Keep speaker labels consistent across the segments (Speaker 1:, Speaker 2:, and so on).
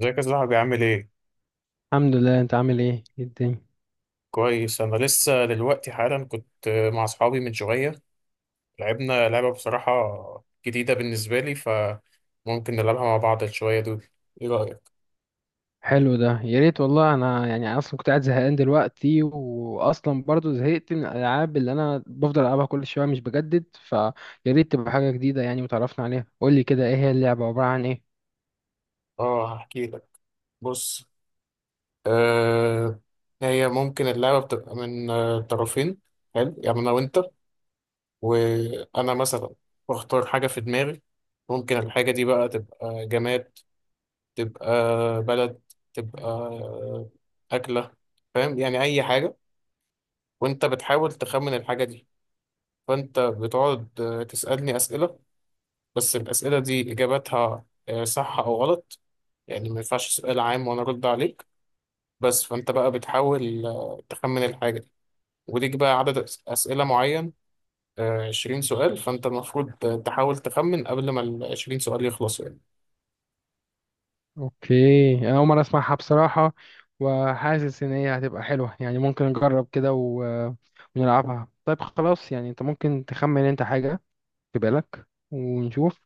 Speaker 1: ازيك يا صاحبي، عامل ايه؟
Speaker 2: الحمد لله. انت عامل ايه؟ ايه الدنيا؟
Speaker 1: كويس، انا لسه دلوقتي حالا كنت مع اصحابي من شوية. لعبنا لعبة بصراحة جديدة بالنسبة لي، فممكن نلعبها مع بعض شوية دول. ايه رأيك؟
Speaker 2: حلو ده، يا ريت والله. انا يعني اصلا كنت قاعد زهقان دلوقتي، واصلا برضو زهقت من الالعاب اللي انا بفضل العبها كل شويه، مش بجدد فيا. ريت تبقى حاجه جديده يعني وتعرفنا عليها. قول لي كده، ايه هي اللعبه؟ عباره عن ايه؟
Speaker 1: اه، هحكي لك. بص. آه هي ممكن اللعبة بتبقى من طرفين. حلو، يعني انا وانت، وانا مثلا بختار حاجة في دماغي. ممكن الحاجة دي بقى تبقى جماد، تبقى بلد، تبقى أكلة. فاهم؟ يعني أي حاجة، وانت بتحاول تخمن الحاجة دي. فانت بتقعد تسألني أسئلة، بس الأسئلة دي إجاباتها صح أو غلط. يعني ما ينفعش سؤال عام وأنا أرد عليك. بس فانت بقى بتحاول تخمن الحاجة دي، وليك بقى عدد أسئلة معين، 20 سؤال. فانت المفروض تحاول تخمن قبل ما ال20 سؤال يخلصوا يعني.
Speaker 2: اوكي، انا اول مره اسمعها بصراحه. وحاسس ان هي هتبقى حلوه، يعني ممكن نجرب كده ونلعبها. طيب خلاص، يعني انت ممكن تخمن انت حاجه في بالك ونشوف.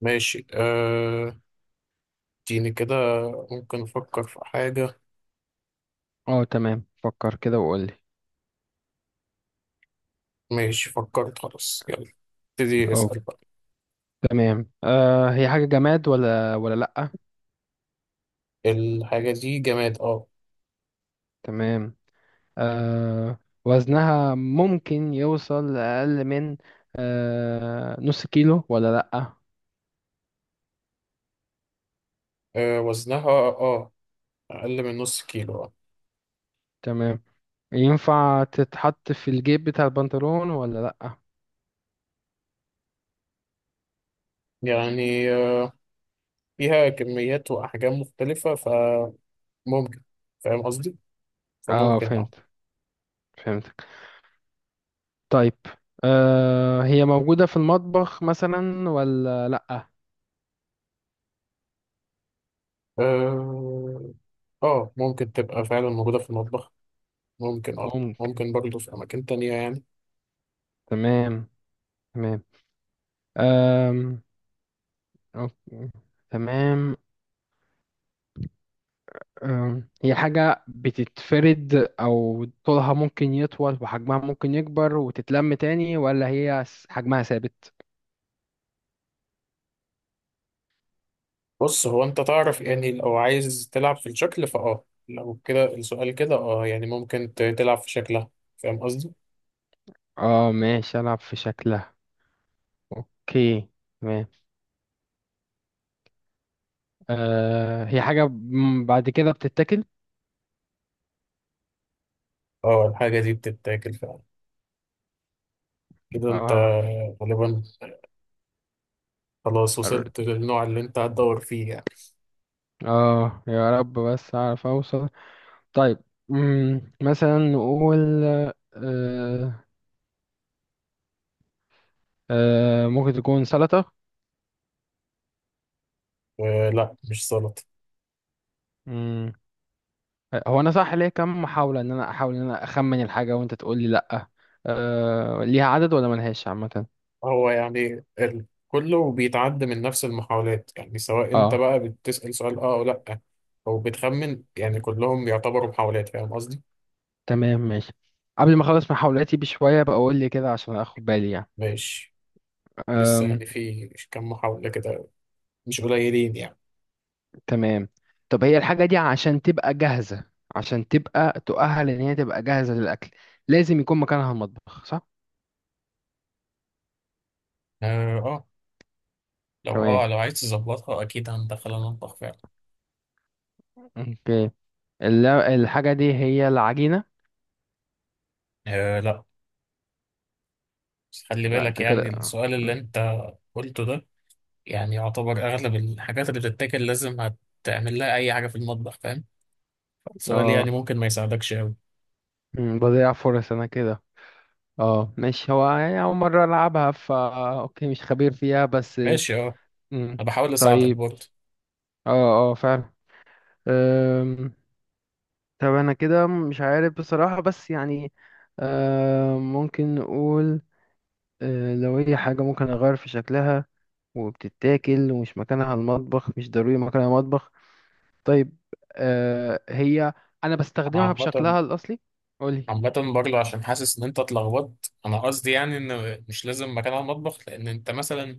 Speaker 1: ماشي اديني كده، ممكن أفكر في حاجة.
Speaker 2: اه تمام، فكر كده وقول لي.
Speaker 1: ماشي، فكرت، خلاص يلا ابتدي اسأل بقى.
Speaker 2: تمام. هي حاجة جماد ولا لأ؟
Speaker 1: الحاجة دي جماد، اه.
Speaker 2: تمام. آه وزنها ممكن يوصل لأقل من نص كيلو ولا لأ؟
Speaker 1: وزنها، أقل من نص كيلو.
Speaker 2: تمام. ينفع تتحط في الجيب بتاع البنطلون ولا لأ؟
Speaker 1: يعني فيها كميات وأحجام مختلفة، فممكن. فاهم قصدي؟
Speaker 2: اه
Speaker 1: فممكن اه
Speaker 2: فهمت، فهمتك. طيب، هي موجودة في المطبخ مثلا ولا لأ؟
Speaker 1: اه آه، ممكن تبقى فعلا موجودة في المطبخ.
Speaker 2: ممكن.
Speaker 1: ممكن برضه في أماكن تانية يعني.
Speaker 2: تمام، تمام. آم، أوكي. تمام. هي حاجة بتتفرد، أو طولها ممكن يطول وحجمها ممكن يكبر وتتلم تاني، ولا هي حجمها ثابت؟
Speaker 1: بص، هو أنت تعرف، يعني لو عايز تلعب في الشكل لو كده السؤال كده، اه، يعني ممكن تلعب في شكلها. فاهم قصدي؟
Speaker 2: اه ماشي، ألعب في شكلها. اوكي، تمام. هي حاجة بعد كده بتتاكل؟
Speaker 1: اه، الحاجة دي بتتاكل فعلا. كده أنت
Speaker 2: اه.
Speaker 1: غالبا خلاص
Speaker 2: قررت.
Speaker 1: وصلت للنوع اللي أنت هتدور فيه يعني.
Speaker 2: اه يا رب بس أعرف أوصل. طيب، مثلا نقول آه ممكن تكون سلطة؟
Speaker 1: لا، مش سلطة.
Speaker 2: هو انا صح ليا كام محاوله ان انا احاول ان انا اخمن الحاجه وانت تقول لي لا؟ ليها عدد ولا ملهاش عامه؟
Speaker 1: هو يعني كله بيتعدى من نفس المحاولات، يعني سواء انت
Speaker 2: اه
Speaker 1: بقى بتسأل سؤال، اه، او لا، او بتخمن، يعني كلهم يعتبروا محاولات. فاهم قصدي؟
Speaker 2: تمام ماشي. قبل ما اخلص محاولاتي بشويه بقول لي كده عشان اخد بالي يعني.
Speaker 1: ماشي. لسه
Speaker 2: أم
Speaker 1: يعني في كم محاولة كده، مش قليلين يعني.
Speaker 2: تمام. طب هي الحاجه دي عشان تبقى جاهزه، عشان تبقى تؤهل ان هي تبقى جاهزه للاكل، لازم يكون مكانها المطبخ، صح؟
Speaker 1: اه.
Speaker 2: تمام.
Speaker 1: لو عايز تظبطها اكيد هندخل المطبخ فعلا.
Speaker 2: اوكي. الحاجه دي هي العجينه؟
Speaker 1: لا، بس خلي
Speaker 2: لا
Speaker 1: بالك
Speaker 2: انت كده
Speaker 1: يعني،
Speaker 2: اه.
Speaker 1: السؤال اللي
Speaker 2: أم.
Speaker 1: انت قلته ده يعني يعتبر اغلب الحاجات اللي بتتاكل لازم هتعمل لها اي حاجة في المطبخ. فاهم؟ السؤال يعني
Speaker 2: آه.
Speaker 1: ممكن ما يساعدكش قوي.
Speaker 2: بضيع فرص انا كده. اه ماشي، هو يعني أول مرة ألعبها أوكي، مش خبير فيها بس.
Speaker 1: ماشي، اه،
Speaker 2: مم.
Speaker 1: انا بحاول اساعدك
Speaker 2: طيب.
Speaker 1: برضه.
Speaker 2: اه اه، فعلا. أم، طب أنا كده مش عارف بصراحة، بس يعني ممكن نقول لو هي حاجة ممكن أغير في شكلها، وبتتاكل، ومش مكانها المطبخ، مش ضروري مكانها مطبخ. طيب، هي أنا
Speaker 1: انا
Speaker 2: بستخدمها
Speaker 1: عامة
Speaker 2: بشكلها الأصلي. قولي.
Speaker 1: عامة برضه عشان حاسس ان انت اتلخبطت. انا قصدي يعني ان مش لازم مكان على المطبخ، لان انت مثلا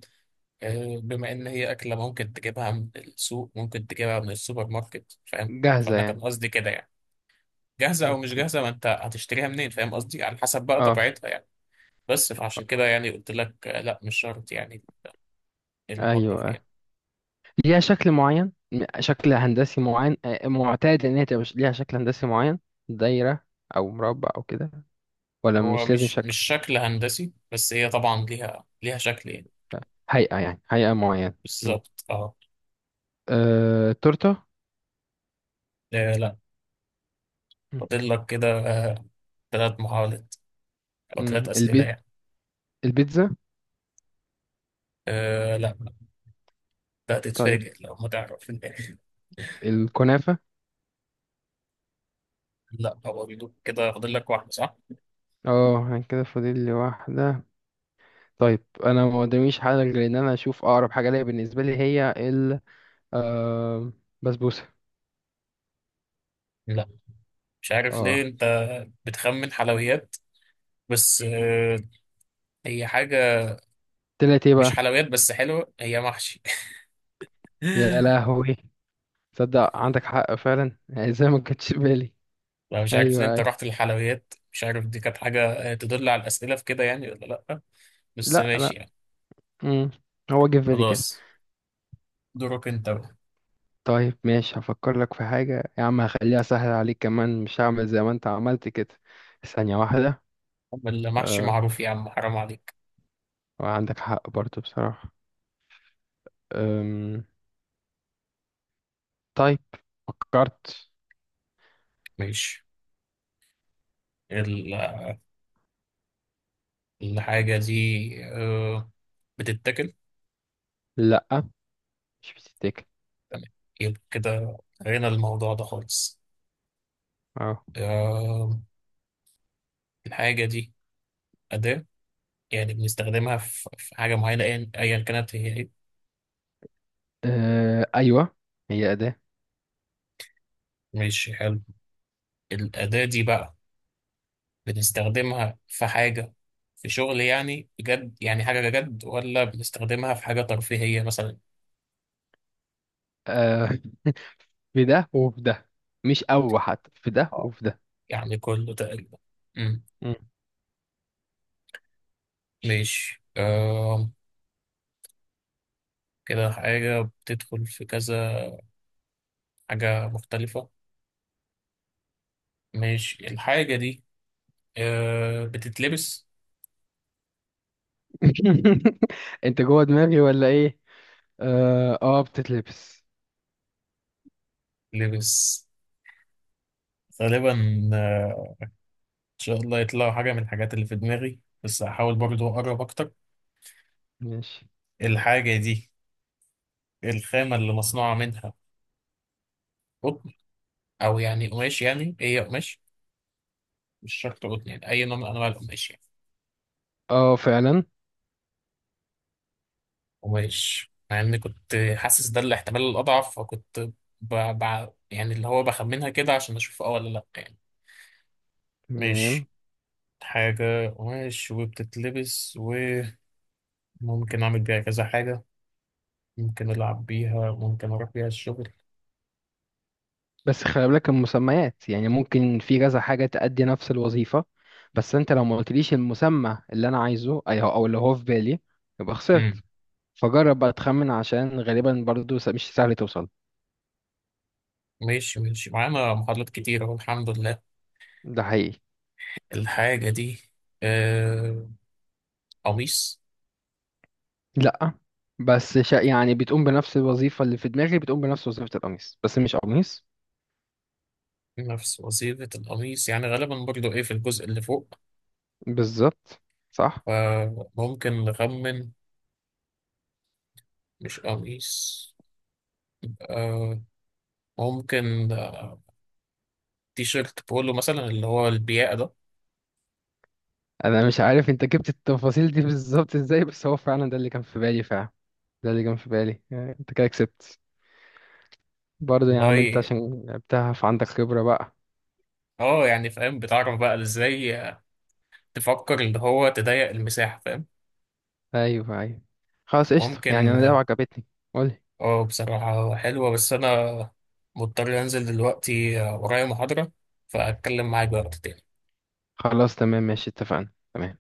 Speaker 1: بما ان هي اكلة ممكن تجيبها من السوق، ممكن تجيبها من السوبر ماركت. فاهم؟
Speaker 2: جاهزة
Speaker 1: فانا كان
Speaker 2: يعني؟
Speaker 1: قصدي كده يعني، جاهزة او مش
Speaker 2: اوكي.
Speaker 1: جاهزة، ما انت هتشتريها منين؟ فاهم قصدي؟ على حسب بقى
Speaker 2: اه،
Speaker 1: طبيعتها يعني. بس فعشان كده يعني قلت لك لا مش شرط يعني المطبخ
Speaker 2: ايوه.
Speaker 1: يعني.
Speaker 2: ليها شكل معين، شكل هندسي معين، معتاد ان هي تبقى ليها شكل هندسي معين؟ دايرة او مربع او كده، ولا
Speaker 1: هو
Speaker 2: مش لازم
Speaker 1: مش
Speaker 2: شكل؟
Speaker 1: مش شكل هندسي، بس هي طبعا ليها شكل يعني.
Speaker 2: آه، هيئة يعني، هيئة معينة. مم.
Speaker 1: بالظبط، اه.
Speaker 2: تورتة؟
Speaker 1: لا.
Speaker 2: مم.
Speaker 1: فاضل لك كده 3 محاولات، أو
Speaker 2: مم.
Speaker 1: 3 أسئلة يعني.
Speaker 2: البيتزا؟
Speaker 1: أه لا، ده
Speaker 2: طيب،
Speaker 1: هتتفاجئ لو ما تعرف في الآخر.
Speaker 2: الكنافة.
Speaker 1: لا، هو بيدوك كده، فاضل لك واحدة صح؟
Speaker 2: اه أنا كده فاضل لي واحدة. طيب، انا ما قداميش حاجة غير ان انا اشوف اقرب حاجة ليا، بالنسبة لي هي آه، بسبوسة.
Speaker 1: لا مش عارف ليه
Speaker 2: اه
Speaker 1: أنت بتخمن حلويات، بس هي حاجة
Speaker 2: طلعت ايه
Speaker 1: مش
Speaker 2: بقى؟
Speaker 1: حلويات، بس حلوة. هي محشي.
Speaker 2: يا لهوي، تصدق عندك حق فعلا زي ما كنتش بالي.
Speaker 1: لا مش عارف ليه
Speaker 2: ايوه،
Speaker 1: أنت
Speaker 2: ايوه.
Speaker 1: رحت للحلويات، مش عارف دي كانت حاجة تدل على الأسئلة في كده يعني ولا لأ. بس
Speaker 2: لا،
Speaker 1: ماشي
Speaker 2: لا.
Speaker 1: يعني.
Speaker 2: مم. هو جه في بالي كده.
Speaker 1: خلاص، دورك أنت بقى.
Speaker 2: طيب ماشي، هفكر لك في حاجة يا عم، هخليها سهلة عليك كمان، مش هعمل زي ما انت عملت كده. ثانية واحدة.
Speaker 1: المحشي
Speaker 2: أه.
Speaker 1: معروف يا عم، حرام عليك.
Speaker 2: وعندك حق برضو بصراحة. أم. طيب. فكرت.
Speaker 1: ماشي، ال- الحاجة دي بتتاكل؟
Speaker 2: لا، مش بتتاكل.
Speaker 1: تمام، يبقى كده غنى الموضوع ده خالص.
Speaker 2: اه،
Speaker 1: آه، الحاجة دي أداة، يعني بنستخدمها في حاجة معينة، أيا كانت هي إيه.
Speaker 2: ايوه هي أداة.
Speaker 1: ماشي حلو. الأداة دي بقى بنستخدمها في حاجة، في شغل يعني بجد، يعني حاجة جد، ولا بنستخدمها في حاجة ترفيهية مثلا؟
Speaker 2: أه في ده وفي ده، مش او حتى في ده
Speaker 1: اه،
Speaker 2: وفي ده.
Speaker 1: يعني كله تقريبا. أمم،
Speaker 2: مم.
Speaker 1: ماشي كده حاجة بتدخل في كذا حاجة مختلفة. ماشي، الحاجة دي بتتلبس؟
Speaker 2: انت جوه دماغي ولا ايه؟ اه بتتلبس.
Speaker 1: لبس غالبا. آه، إن شاء الله يطلعوا حاجة من الحاجات اللي في دماغي، بس هحاول برضو أقرب أكتر.
Speaker 2: ماشي.
Speaker 1: الحاجة دي، الخامة اللي مصنوعة منها قطن، أو يعني قماش يعني هي قماش، مش شرط قطن يعني أي نوع من أنواع القماش يعني.
Speaker 2: اه فعلا.
Speaker 1: قماش، مع إني كنت حاسس ده الاحتمال الأضعف، فكنت يعني اللي هو بخمنها كده عشان أشوف أه ولا لأ يعني.
Speaker 2: تمام.
Speaker 1: ماشي، حاجة قماش وبتتلبس، و ممكن أعمل بيها كذا حاجة. ممكن ألعب بيها، ممكن أروح بيها الشغل.
Speaker 2: بس خلي بالك المسميات، يعني ممكن في كذا حاجة تأدي نفس الوظيفة. بس انت لو ما قلتليش المسمى اللي انا عايزه او اللي هو في بالي، يبقى خسرت.
Speaker 1: مم.
Speaker 2: فجرب بقى تخمن، عشان غالبا برضو مش سهل توصل.
Speaker 1: ماشي ماشي، معانا محاضرات كتير أهو، الحمد لله.
Speaker 2: ده حقيقي.
Speaker 1: الحاجة دي آه... قميص؟
Speaker 2: لا، بس يعني بتقوم بنفس الوظيفة اللي في دماغي، بتقوم بنفس وظيفة القميص بس مش قميص.
Speaker 1: نفس وظيفة القميص يعني غالبا برضو إيه في الجزء اللي فوق.
Speaker 2: بالظبط. صح.
Speaker 1: فممكن نخمن مش قميص. آه... ممكن تي شيرت بولو مثلا، اللي هو البياقة ده.
Speaker 2: انا مش عارف انت جبت التفاصيل دي بالظبط ازاي، بس هو فعلا ده اللي كان في بالي فعلا، ده اللي كان في بالي، يعني انت كده كسبت. برضه يا
Speaker 1: والله
Speaker 2: عم، انت عشان لعبتها فعندك خبرة بقى.
Speaker 1: اه يعني فاهم، بتعرف بقى ازاي تفكر اللي هو تضيق المساحة. فاهم؟
Speaker 2: ايوه، ايوه. خلاص قشطة، يعني
Speaker 1: ممكن،
Speaker 2: انا اللعبة عجبتني. قولي.
Speaker 1: اه بصراحة حلوة، بس أنا مضطر أنزل دلوقتي، ورايا محاضرة، فأتكلم معاك بقى وقت تاني.
Speaker 2: خلاص تمام ماشي، اتفقنا، تمام.